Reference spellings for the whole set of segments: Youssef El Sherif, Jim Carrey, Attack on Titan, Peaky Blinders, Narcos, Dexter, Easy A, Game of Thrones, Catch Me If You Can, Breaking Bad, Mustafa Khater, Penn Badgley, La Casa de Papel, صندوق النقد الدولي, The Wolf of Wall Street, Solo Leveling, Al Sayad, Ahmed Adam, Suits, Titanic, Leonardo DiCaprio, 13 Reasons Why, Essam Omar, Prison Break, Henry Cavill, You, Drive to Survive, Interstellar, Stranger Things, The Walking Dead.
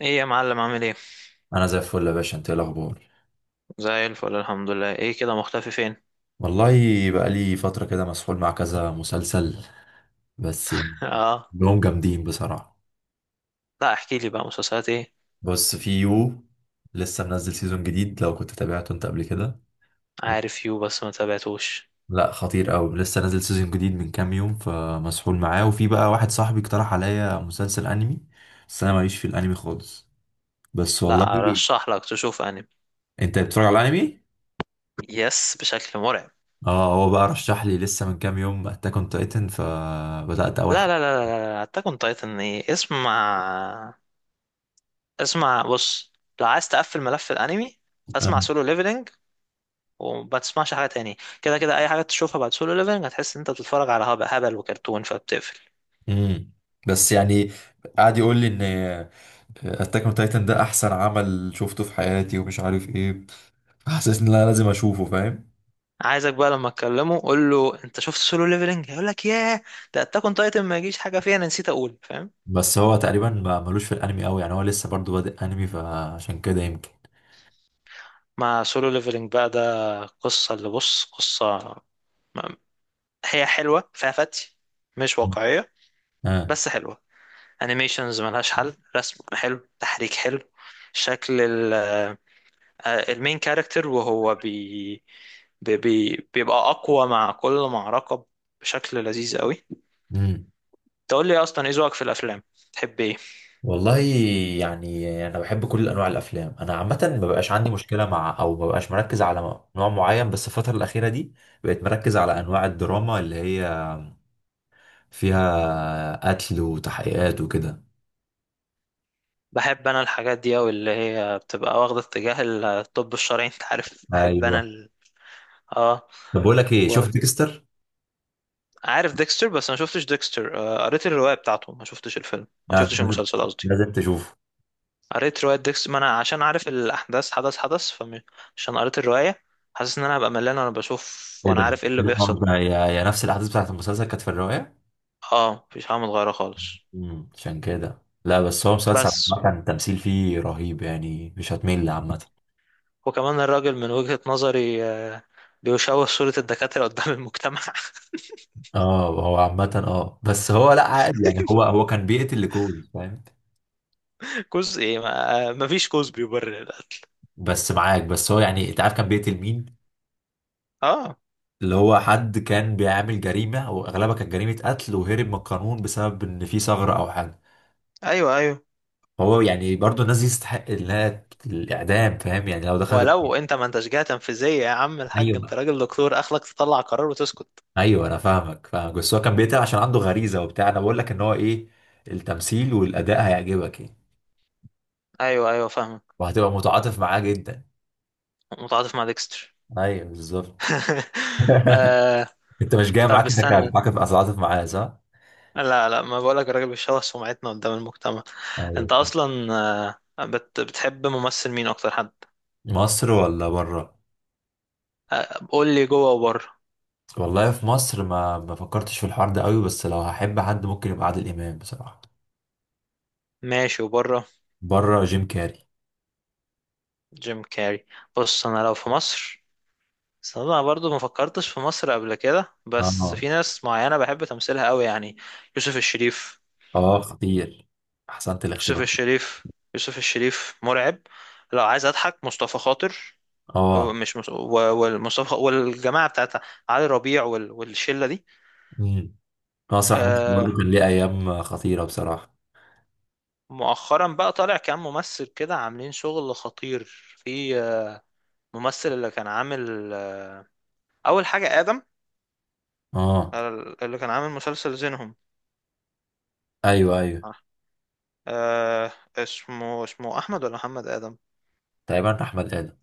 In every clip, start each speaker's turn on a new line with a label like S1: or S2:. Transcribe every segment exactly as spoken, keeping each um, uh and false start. S1: ايه يا معلم عامل ايه؟
S2: انا زي الفل يا باشا، انت ايه الاخبار؟
S1: زي الفل، الحمد لله. ايه كده مختفي فين؟
S2: والله، بقى لي فتره كده مسحول مع كذا مسلسل. بس يعني
S1: اه.
S2: كلهم جامدين بصراحه.
S1: لا، احكي لي بقى مسلسلات ايه؟
S2: بص، في يو لسه منزل سيزون جديد، لو كنت تابعته انت قبل كده.
S1: عارف يو بس ما تابعتوش.
S2: لا، خطير قوي. لسه نازل سيزون جديد من كام يوم فمسحول معاه، وفي بقى واحد صاحبي اقترح عليا مسلسل انمي، بس انا ماليش في الانمي خالص. بس والله
S1: لا، ارشح لك تشوف انمي.
S2: انت بتتفرج على الانمي؟
S1: يس، بشكل مرعب.
S2: اه، هو بقى رشح لي لسه من كام يوم اتاك اون تايتن، فبدات اول
S1: لا لا لا لا لا، اتاك اون تايتن ايه؟ اسمع. اسمع، بص، لو عايز تقفل ملف الانمي
S2: حلقه.
S1: اسمع سولو ليفلنج وما تسمعش حاجه تاني. كده كده اي حاجه تشوفها بعد سولو ليفلنج هتحس ان انت بتتفرج على هب- هبل وكرتون فبتقفل.
S2: امم بس يعني قعد يقول لي ان اتاك اون تايتن ده احسن عمل شفته في حياتي ومش عارف ايه، حسيت ان انا لازم اشوفه فاهم.
S1: عايزك بقى لما اكلمه قول له: انت شفت سولو ليفلنج؟ هيقول لك: ياه، ده اتاك اون تايتن ما يجيش حاجه فيها. انا نسيت اقول، فاهم؟
S2: بس هو تقريبا ما ملوش في الانمي قوي، يعني هو لسه برضو بادئ انمي فعشان كده يمكن.
S1: مع سولو ليفلنج بقى ده، قصه، اللي، بص قصه م- هي حلوه فيها فتي، مش واقعيه
S2: اه.
S1: بس حلوه. انيميشنز ملهاش حل، رسم حلو تحريك حلو. شكل ال- آه، المين كاركتر وهو بي بي بي- بيبقى اقوى مع كل معركه بشكل لذيذ قوي.
S2: امم.
S1: تقول لي إيه اصلا، ايه ذوقك في الافلام؟ تحب ايه؟
S2: والله، يعني انا بحب كل انواع الافلام، انا عامه ما بقاش عندي مشكله، مع او ما بقاش مركز على نوع معين. بس الفتره الاخيره دي بقيت مركز على انواع الدراما اللي هي فيها قتل وتحقيقات وكده.
S1: بحب انا الحاجات دي اوي اللي هي بتبقى واخدة اتجاه الطب الشرعي، انت عارف، بحب
S2: ايوه.
S1: انا ال... اه.
S2: طب بقول لك ايه، شفت ديكستر؟
S1: وعارف ديكستر بس ما شفتش ديكستر، آه، قريت الرواية بتاعته، ما شفتش الفيلم، ما
S2: لا،
S1: شفتش
S2: لازم
S1: المسلسل قصدي.
S2: لازم تشوفه.
S1: قريت رواية ديكستر، ما انا عشان عارف الاحداث حدث حدث، فعشان قريت الرواية حاسس ان انا هبقى ملان وانا بشوف
S2: ايه
S1: وانا
S2: ده؟
S1: عارف ايه اللي
S2: إيه الحوار
S1: بيحصل.
S2: ده؟ يا يا نفس الاحداث بتاعت المسلسل كانت في الرواية؟
S1: اه مفيش حاجة متغيرة خالص.
S2: امم عشان كده لا، بس هو مسلسل
S1: بس
S2: عامة التمثيل فيه رهيب، يعني مش هتمل عامة.
S1: وكمان الراجل من وجهة نظري آه، بيشوه صورة الدكاترة قدام المجتمع.
S2: اه، هو عامة اه بس هو لا عادي، يعني هو هو كان بيقتل لكوز فاهم؟
S1: جزء ايه، ما ما فيش جزء بيبرر القتل.
S2: بس معاك، بس هو يعني انت عارف كان بيقتل مين؟
S1: اه،
S2: اللي هو حد كان بيعمل جريمة، واغلبها كانت جريمة قتل، وهرب من القانون بسبب ان في ثغرة او حاجة.
S1: ايوه ايوه.
S2: هو يعني برضه الناس دي تستحق انها الاعدام، فاهم يعني لو دخلت.
S1: ولو انت ما انتش جهة تنفيذية يا عم الحاج، انت
S2: ايوه،
S1: راجل دكتور، اخلك تطلع قرار وتسكت.
S2: ايوه، انا فاهمك فاهمك، بس هو كان بيتعب عشان عنده غريزه وبتاع. انا بقول لك ان هو ايه، التمثيل والاداء هيعجبك يعني.
S1: ايوه ايوه، فاهمك.
S2: وهتبقى متعاطف معاه جدا.
S1: متعاطف مع ديكستر؟
S2: ايوه بالظبط.
S1: آه.
S2: انت مش جاي
S1: طب
S2: معاك انك
S1: استنى.
S2: هتتعاطف هتتعاطف معاه صح؟
S1: لا لا، ما بقولك الراجل بيشوه سمعتنا قدام المجتمع.
S2: ايوه.
S1: انت اصلا آه، بت بتحب ممثل مين اكتر حد؟
S2: مصر ولا بره؟
S1: آه، قول لي جوه وبره.
S2: والله في مصر ما ما فكرتش في الحوار ده قوي، بس لو هحب حد ممكن يبقى عادل امام بصراحه.
S1: ماشي، وبره
S2: بره، جيم كاري.
S1: جيم كاري. بص انا لو في مصر، بس انا برضو ما فكرتش في مصر قبل كده، بس
S2: اه،
S1: في ناس معينة بحب تمثيلها قوي يعني. يوسف الشريف.
S2: اه، خطير. احسنت
S1: يوسف
S2: الاختيار.
S1: الشريف. يوسف الشريف مرعب. لو عايز اضحك مصطفى خاطر، أو
S2: اه.
S1: مش مص... و- والمصطفى خ- والجماعة بتاعتها، علي ربيع وال... والشلة دي.
S2: مم. مسرح مصر
S1: آه،
S2: برضه كان ليه ايام خطيره بصراحه.
S1: مؤخرا بقى طالع كام ممثل كده عاملين شغل خطير. في آه، ممثل اللي كان عامل آه اول حاجة آدم،
S2: اه.
S1: آه، اللي كان عامل مسلسل زينهم.
S2: ايوه، ايوه،
S1: آه آه، اسمه اسمه احمد ولا محمد آدم؟
S2: تقريبا احمد ادم.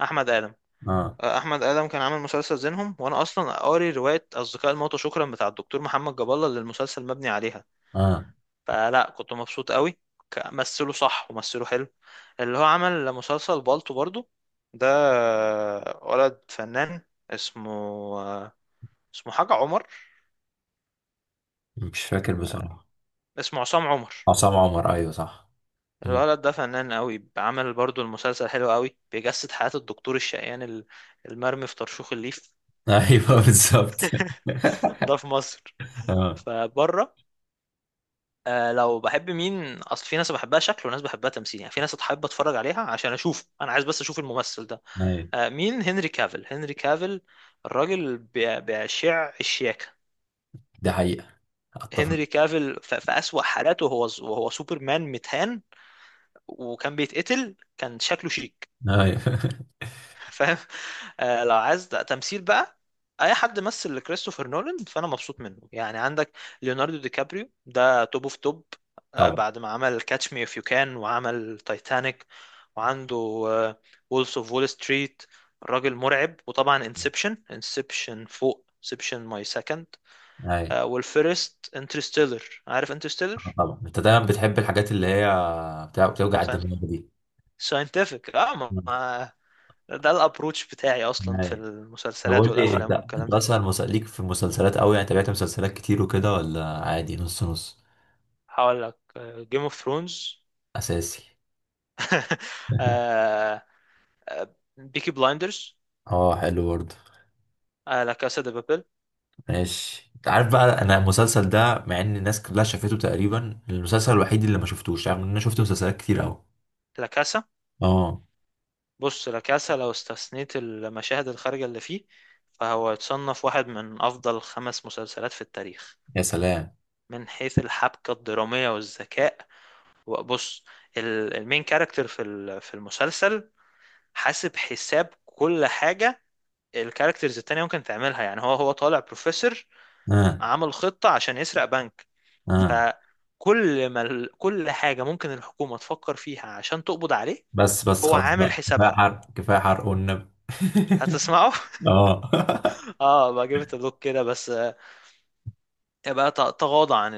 S1: احمد ادم.
S2: اه،
S1: آه، احمد ادم كان عامل مسلسل زينهم، وانا اصلا قاري روايه اصدقاء الموتى، شكرا، بتاع الدكتور محمد جاب الله اللي المسلسل مبني عليها.
S2: اه،
S1: فلا كنت مبسوط قوي. ك- مثله صح ومثله حلو. اللي هو عمل مسلسل بالطو برضو ده، آه، ولد فنان، اسمه آه، اسمه حاجه عمر،
S2: مش فاكر بصراحه.
S1: اسمه عصام عمر.
S2: عصام عمر، ايوه صح. مم.
S1: الولد ده فنان قوي، عمل برضو المسلسل حلو قوي، بيجسد حياة الدكتور الشقيان ال- المرمي في طرشوخ الليف.
S2: ايوه بالظبط
S1: ده في مصر.
S2: اه.
S1: فبره، آه لو بحب مين، اصل في ناس بحبها شكل وناس بحبها تمثيل يعني، في ناس بحب اتفرج عليها عشان اشوف، انا عايز بس اشوف الممثل ده.
S2: ايوه،
S1: آه مين؟ هنري كافيل. هنري كافيل الراجل بي- بيشع الشياكة.
S2: دي حقيقه. اتفق.
S1: هنري كافيل ف- في أسوأ حالاته، وهو وهو سوبرمان متهان وكان بيتقتل كان شكله شيك،
S2: ايوه.
S1: فاهم؟ آه لو عايز تمثيل بقى، اي حد مثل لكريستوفر نولان فانا مبسوط منه يعني. عندك ليوناردو دي كابريو ده توب اوف توب. آه،
S2: طبعا.
S1: بعد ما عمل كاتش مي اف يو كان، وعمل تايتانيك، وعنده وولفز اوف وول ستريت. راجل مرعب، وطبعا انسبشن انسبشن فوق انسبشن، ماي سكند.
S2: ايوه،
S1: والفيرست انترستيلر، عارف
S2: آه،
S1: انترستيلر،
S2: طبعا انت دايما بتحب الحاجات اللي هي بتاع- بتوجع الدماغ دي.
S1: ساينتفك. اه ما
S2: مم.
S1: ما- ده الابروتش بتاعي اصلا في
S2: ايوه. طب
S1: المسلسلات
S2: قول لي، انت
S1: والافلام
S2: انت
S1: والكلام ده.
S2: اصلا مس- ليك في المسلسلات قوي يعني؟ تابعت مسلسلات كتير وكده، ولا عادي نص نص؟
S1: هقول لك: جيم اوف ثرونز،
S2: اساسي.
S1: بيكي بلايندرز،
S2: اه، حلو برضه.
S1: لا كاسا دي بابل.
S2: ماشي، انت عارف بقى، انا المسلسل ده، مع ان الناس كلها شافته تقريبا، المسلسل الوحيد اللي ما شفتوش، رغم ان انا شفت مسلسلات كتير قوي.
S1: لا كاسا.
S2: اه.
S1: بص، لا كاسا لو استثنيت المشاهد الخارجة اللي فيه فهو يتصنف واحد من أفضل خمس مسلسلات في التاريخ،
S2: يا سلام.
S1: من حيث الحبكة الدرامية والذكاء. وبص، ال- المين كاركتر في ال- في المسلسل حاسب حساب كل حاجة. الكاركترز التانية ممكن تعملها يعني. هو هو طالع بروفيسور،
S2: اه.
S1: عمل خطة عشان يسرق بنك.
S2: اه،
S1: فكل ما ال- كل حاجة ممكن الحكومة تفكر فيها عشان تقبض عليه.
S2: بس بس
S1: هو
S2: خلاص بقى،
S1: عامل
S2: كفايه
S1: حسابها،
S2: حرق كفايه حرق والنبي
S1: هتسمعه.
S2: اه
S1: اه بقى، جبت دوك كده بس، آه، يبقى ت- تغاضى عن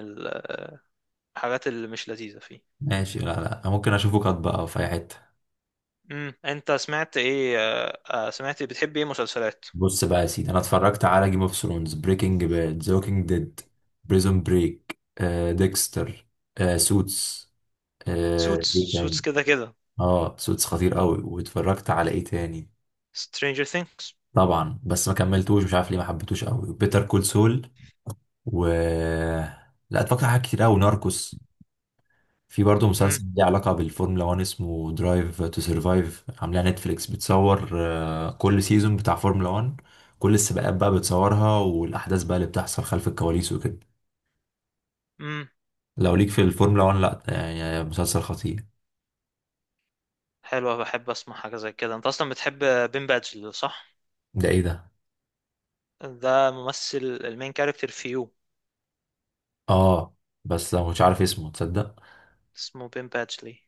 S1: الحاجات اللي مش لذيذة فيه.
S2: ماشي، لا، لا، ممكن اشوفه قط بقى في اي حته.
S1: امم انت سمعت ايه آه، آه، سمعت إيه؟ بتحب ايه مسلسلات؟
S2: بص بقى يا سيدي، انا اتفرجت على جيم اوف ثرونز، بريكنج باد، ذا ووكينج ديد، بريزون بريك، ديكستر، سوتس.
S1: سوتس.
S2: ايه
S1: سوتس
S2: تاني؟
S1: كده كده.
S2: اه، سوتس خطير قوي. واتفرجت على ايه تاني؟
S1: Stranger Things.
S2: طبعا، بس ما كملتوش، مش عارف ليه ما حبيتوش قوي. بيتر كول سول. و... لا، اتفرجت على حاجات كتير قوي، ناركوس. في برضه
S1: امم،
S2: مسلسل ليه علاقة بالفورمولا واحد، اسمه درايف تو سرفايف، عاملاه نتفليكس، بتصور آه، كل سيزون بتاع فورمولا واحد. كل السباقات بقى بتصورها، والاحداث بقى اللي بتحصل خلف الكواليس وكده.
S1: امم.
S2: لو ليك في الفورمولا واحد، لا يعني مسلسل خطير.
S1: حلوة، بحب اسمع حاجة زي كده. انت اصلا بتحب بين بادجلي، صح؟
S2: ده ايه ده.
S1: ده ممثل، المين كاركتر في يو.
S2: اه، بس أنا مش عارف اسمه تصدق.
S1: اسمه بين بادجلي.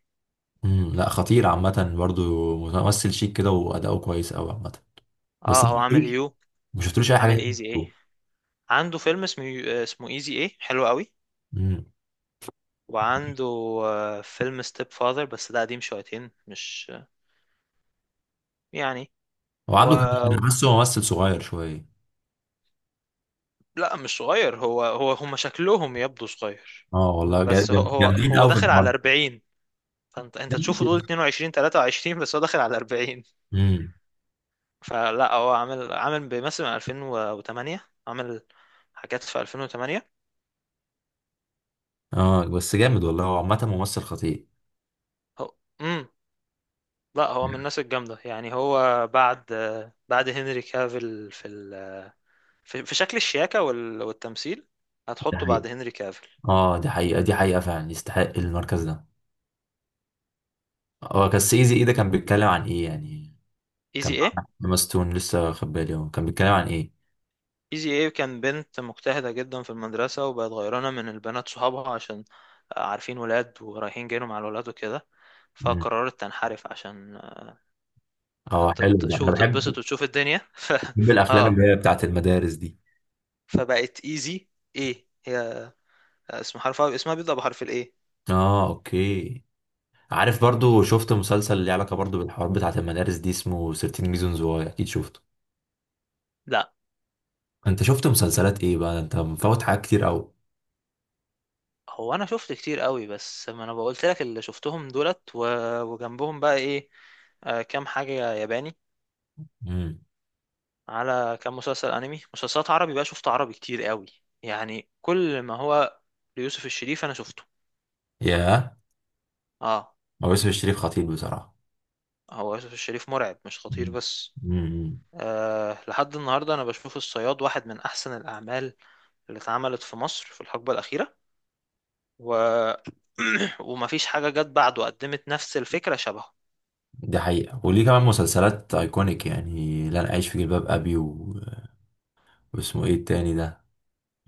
S2: امم لا، خطير عامة، برضو ممثل شيك كده وأداؤه كويس أوي عامة. بس
S1: اه،
S2: ما
S1: هو عامل
S2: شفتلوش
S1: يو،
S2: ما شفتلوش أي حاجة
S1: عامل ايزي ايه.
S2: تانية.
S1: عنده فيلم اسمه اسمه ايزي ايه، حلو قوي.
S2: امم
S1: وعنده آه، فيلم ستيب فاذر بس ده قديم شويتين، مش آه، يعني
S2: هو
S1: و...
S2: عنده كام سنة؟ أنا حاسه ممثل صغير شوية.
S1: لا مش صغير، هو هو هم شكلهم يبدو صغير.
S2: اه والله، جا-
S1: بس هو
S2: جام-
S1: هو
S2: جامدين
S1: هو
S2: أوي في
S1: داخل على
S2: الحوار.
S1: أربعين. فانت انت تشوفه تقول اتنين وعشرين ثلاثة وعشرين، بس هو داخل على أربعين.
S2: امم.
S1: فلا، هو عامل عامل بيمثل من ألفين وثمانية، عامل حاجات في ألفين وثمانية.
S2: اه، بس جامد والله، هو عامة ممثل خطير.
S1: هو امم لا، هو من
S2: مم.
S1: الناس الجامدة يعني. هو بعد آه، بعد هنري كافيل في ال... في, في شكل الشياكة وال- والتمثيل.
S2: دي
S1: هتحطه
S2: حقيقة.
S1: بعد هنري كافيل.
S2: اه، دي حقيقة دي حقيقة، فعلا يستحق المركز ده. هو كان سيزي ايه ده، كان بيتكلم عن ايه يعني؟
S1: ايزي
S2: كان
S1: ايه؟
S2: مع ماستون، لسه واخد بالي، هو كان بيتكلم عن ايه؟
S1: ايزي ايه كان بنت مجتهدة جدا في المدرسة وبقت غيرانة من البنات صحابها عشان عارفين ولاد ورايحين جايين مع الولاد وكده،
S2: امم.
S1: فقررت تنحرف عشان ت-
S2: اه،
S1: ت-
S2: حلو ده، انا
S1: تشوف
S2: بحب
S1: تتبسط وتشوف الدنيا. ف...
S2: بحب الافلام
S1: اه،
S2: اللي هي بتاعت المدارس دي.
S1: فبقت ايزي ايه. هي اسم حرفها اسمها بيبدأ بحرف الايه.
S2: اه، اوكي. عارف، برضو شفت مسلسل اللي علاقة برضو بالحوار بتاعت المدارس دي، اسمه ثيرتين Reasons Why، اكيد شفته.
S1: لا،
S2: انت شفت مسلسلات ايه بقى؟ انت مفوت حاجات كتير قوي.
S1: هو انا شفت كتير قوي بس ما انا بقولت لك اللي شفتهم دولت و... وجنبهم بقى ايه، آه، كام حاجة ياباني،
S2: امم.
S1: على كام مسلسل انمي. مسلسلات عربي بقى شفت عربي كتير قوي، يعني كل ما هو ليوسف الشريف انا شفته.
S2: ياه.
S1: اه،
S2: هو يوسف الشريف خطير بصراحة.
S1: هو يوسف الشريف مرعب، مش خطير
S2: مم.
S1: بس.
S2: مم.
S1: آه لحد النهارده انا بشوف الصياد واحد من احسن الاعمال اللي اتعملت في مصر في الحقبه الاخيره، و ومفيش حاجه جت بعده قدمت نفس الفكره شبهه.
S2: دي حقيقة، وليه كمان مسلسلات ايكونيك، يعني لن اعيش في جلباب ابي، و... واسمه ايه التاني ده،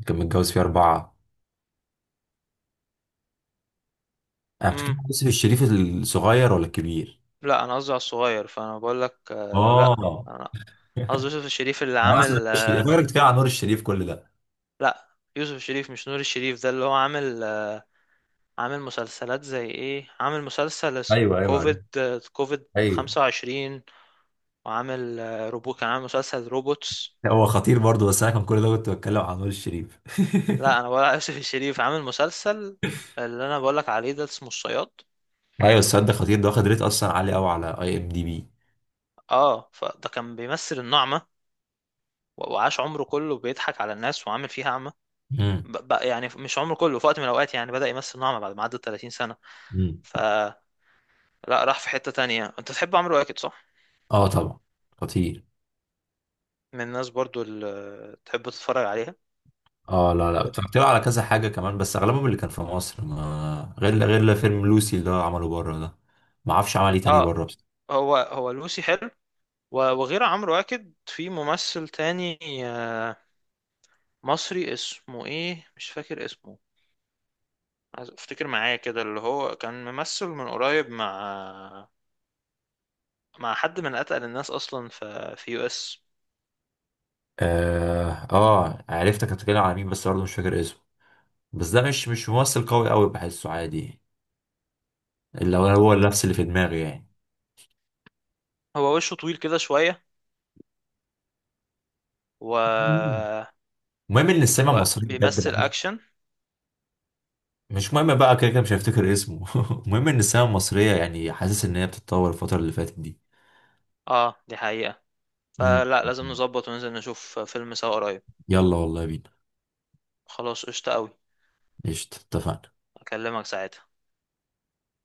S2: كان متجوز فيه اربعة. انا بتكلم
S1: امم،
S2: عن يوسف الشريف. الصغير ولا الكبير؟
S1: لا انا قصدي على الصغير فانا بقول لك آه لا،
S2: اه.
S1: انا قصدي يوسف الشريف اللي
S2: انا اقصد يوسف
S1: عامل آه
S2: الشريف، فاكرك بتتكلم عن نور الشريف كل ده.
S1: لا، يوسف الشريف مش نور الشريف. ده اللي هو عامل، عامل مسلسلات زي ايه؟ عامل مسلسل
S2: ايوه،
S1: اسمه
S2: ايوه،
S1: كوفيد، كوفيد
S2: ايوه.
S1: خمسة وعشرين. وعامل آه، روبو كان عامل مسلسل روبوتس.
S2: هو خطير برضه، بس انا كان كل ده كنت بتكلم عن نور الشريف.
S1: لا انا ولا يوسف الشريف عامل مسلسل، اللي انا بقولك عليه ده اسمه الصياد.
S2: ايوه، السد خطير ده، واخد ريت اصلا عالي قوي على اي ام دي بي.
S1: اه، فده كان بيمثل النعمة، و- وعاش عمره كله بيضحك على الناس وعامل فيها أعمى.
S2: امم،
S1: ب- بقى يعني مش عمره كله، في وقت من الأوقات يعني بدأ يمثل نعمة بعد ما عدى تلاتين سنة.
S2: امم.
S1: فلا، راح في حتة تانية. أنت تحب عمرو واكد، صح؟
S2: اه طبعا، خطير.
S1: من الناس برضو اللي تحب تتفرج عليها.
S2: اه، لا، لا، اتفرجت له على كذا حاجه كمان، بس اغلبهم اللي كان في مصر، ما غير غير فيلم لوسي اللي هو عمله بره ده. ما اعرفش عمل ايه تاني
S1: اه،
S2: بره بس.
S1: هو هو لوسي حلو. و- وغير عمرو واكد في ممثل تاني آه، مصري، اسمه ايه مش فاكر اسمه. عايز افتكر معايا كده، اللي هو كان ممثل من قريب مع مع حد من اتقل الناس اصلا في في يو اس.
S2: اه، اه، عرفتك بتتكلم على مين، بس برضه مش فاكر اسمه. بس ده مش مش ممثل قوي قوي، بحسه عادي. اللي هو هو نفس اللي في دماغي يعني.
S1: هو وشه طويل كده شوية، و
S2: مم. المهم ان السينما المصريه
S1: وبيمثل
S2: بجد.
S1: اكشن.
S2: مش مهم بقى، كده كده مش هفتكر اسمه المهم ان السينما المصرية، يعني حاسس ان هي بتتطور الفترة اللي فاتت دي.
S1: اه دي حقيقة.
S2: مم.
S1: فلا لازم نظبط وننزل نشوف فيلم سوا قريب.
S2: يلا والله بينا.
S1: خلاص قشطة قوي.
S2: قشطة، اتفقنا.
S1: اكلمك ساعتها.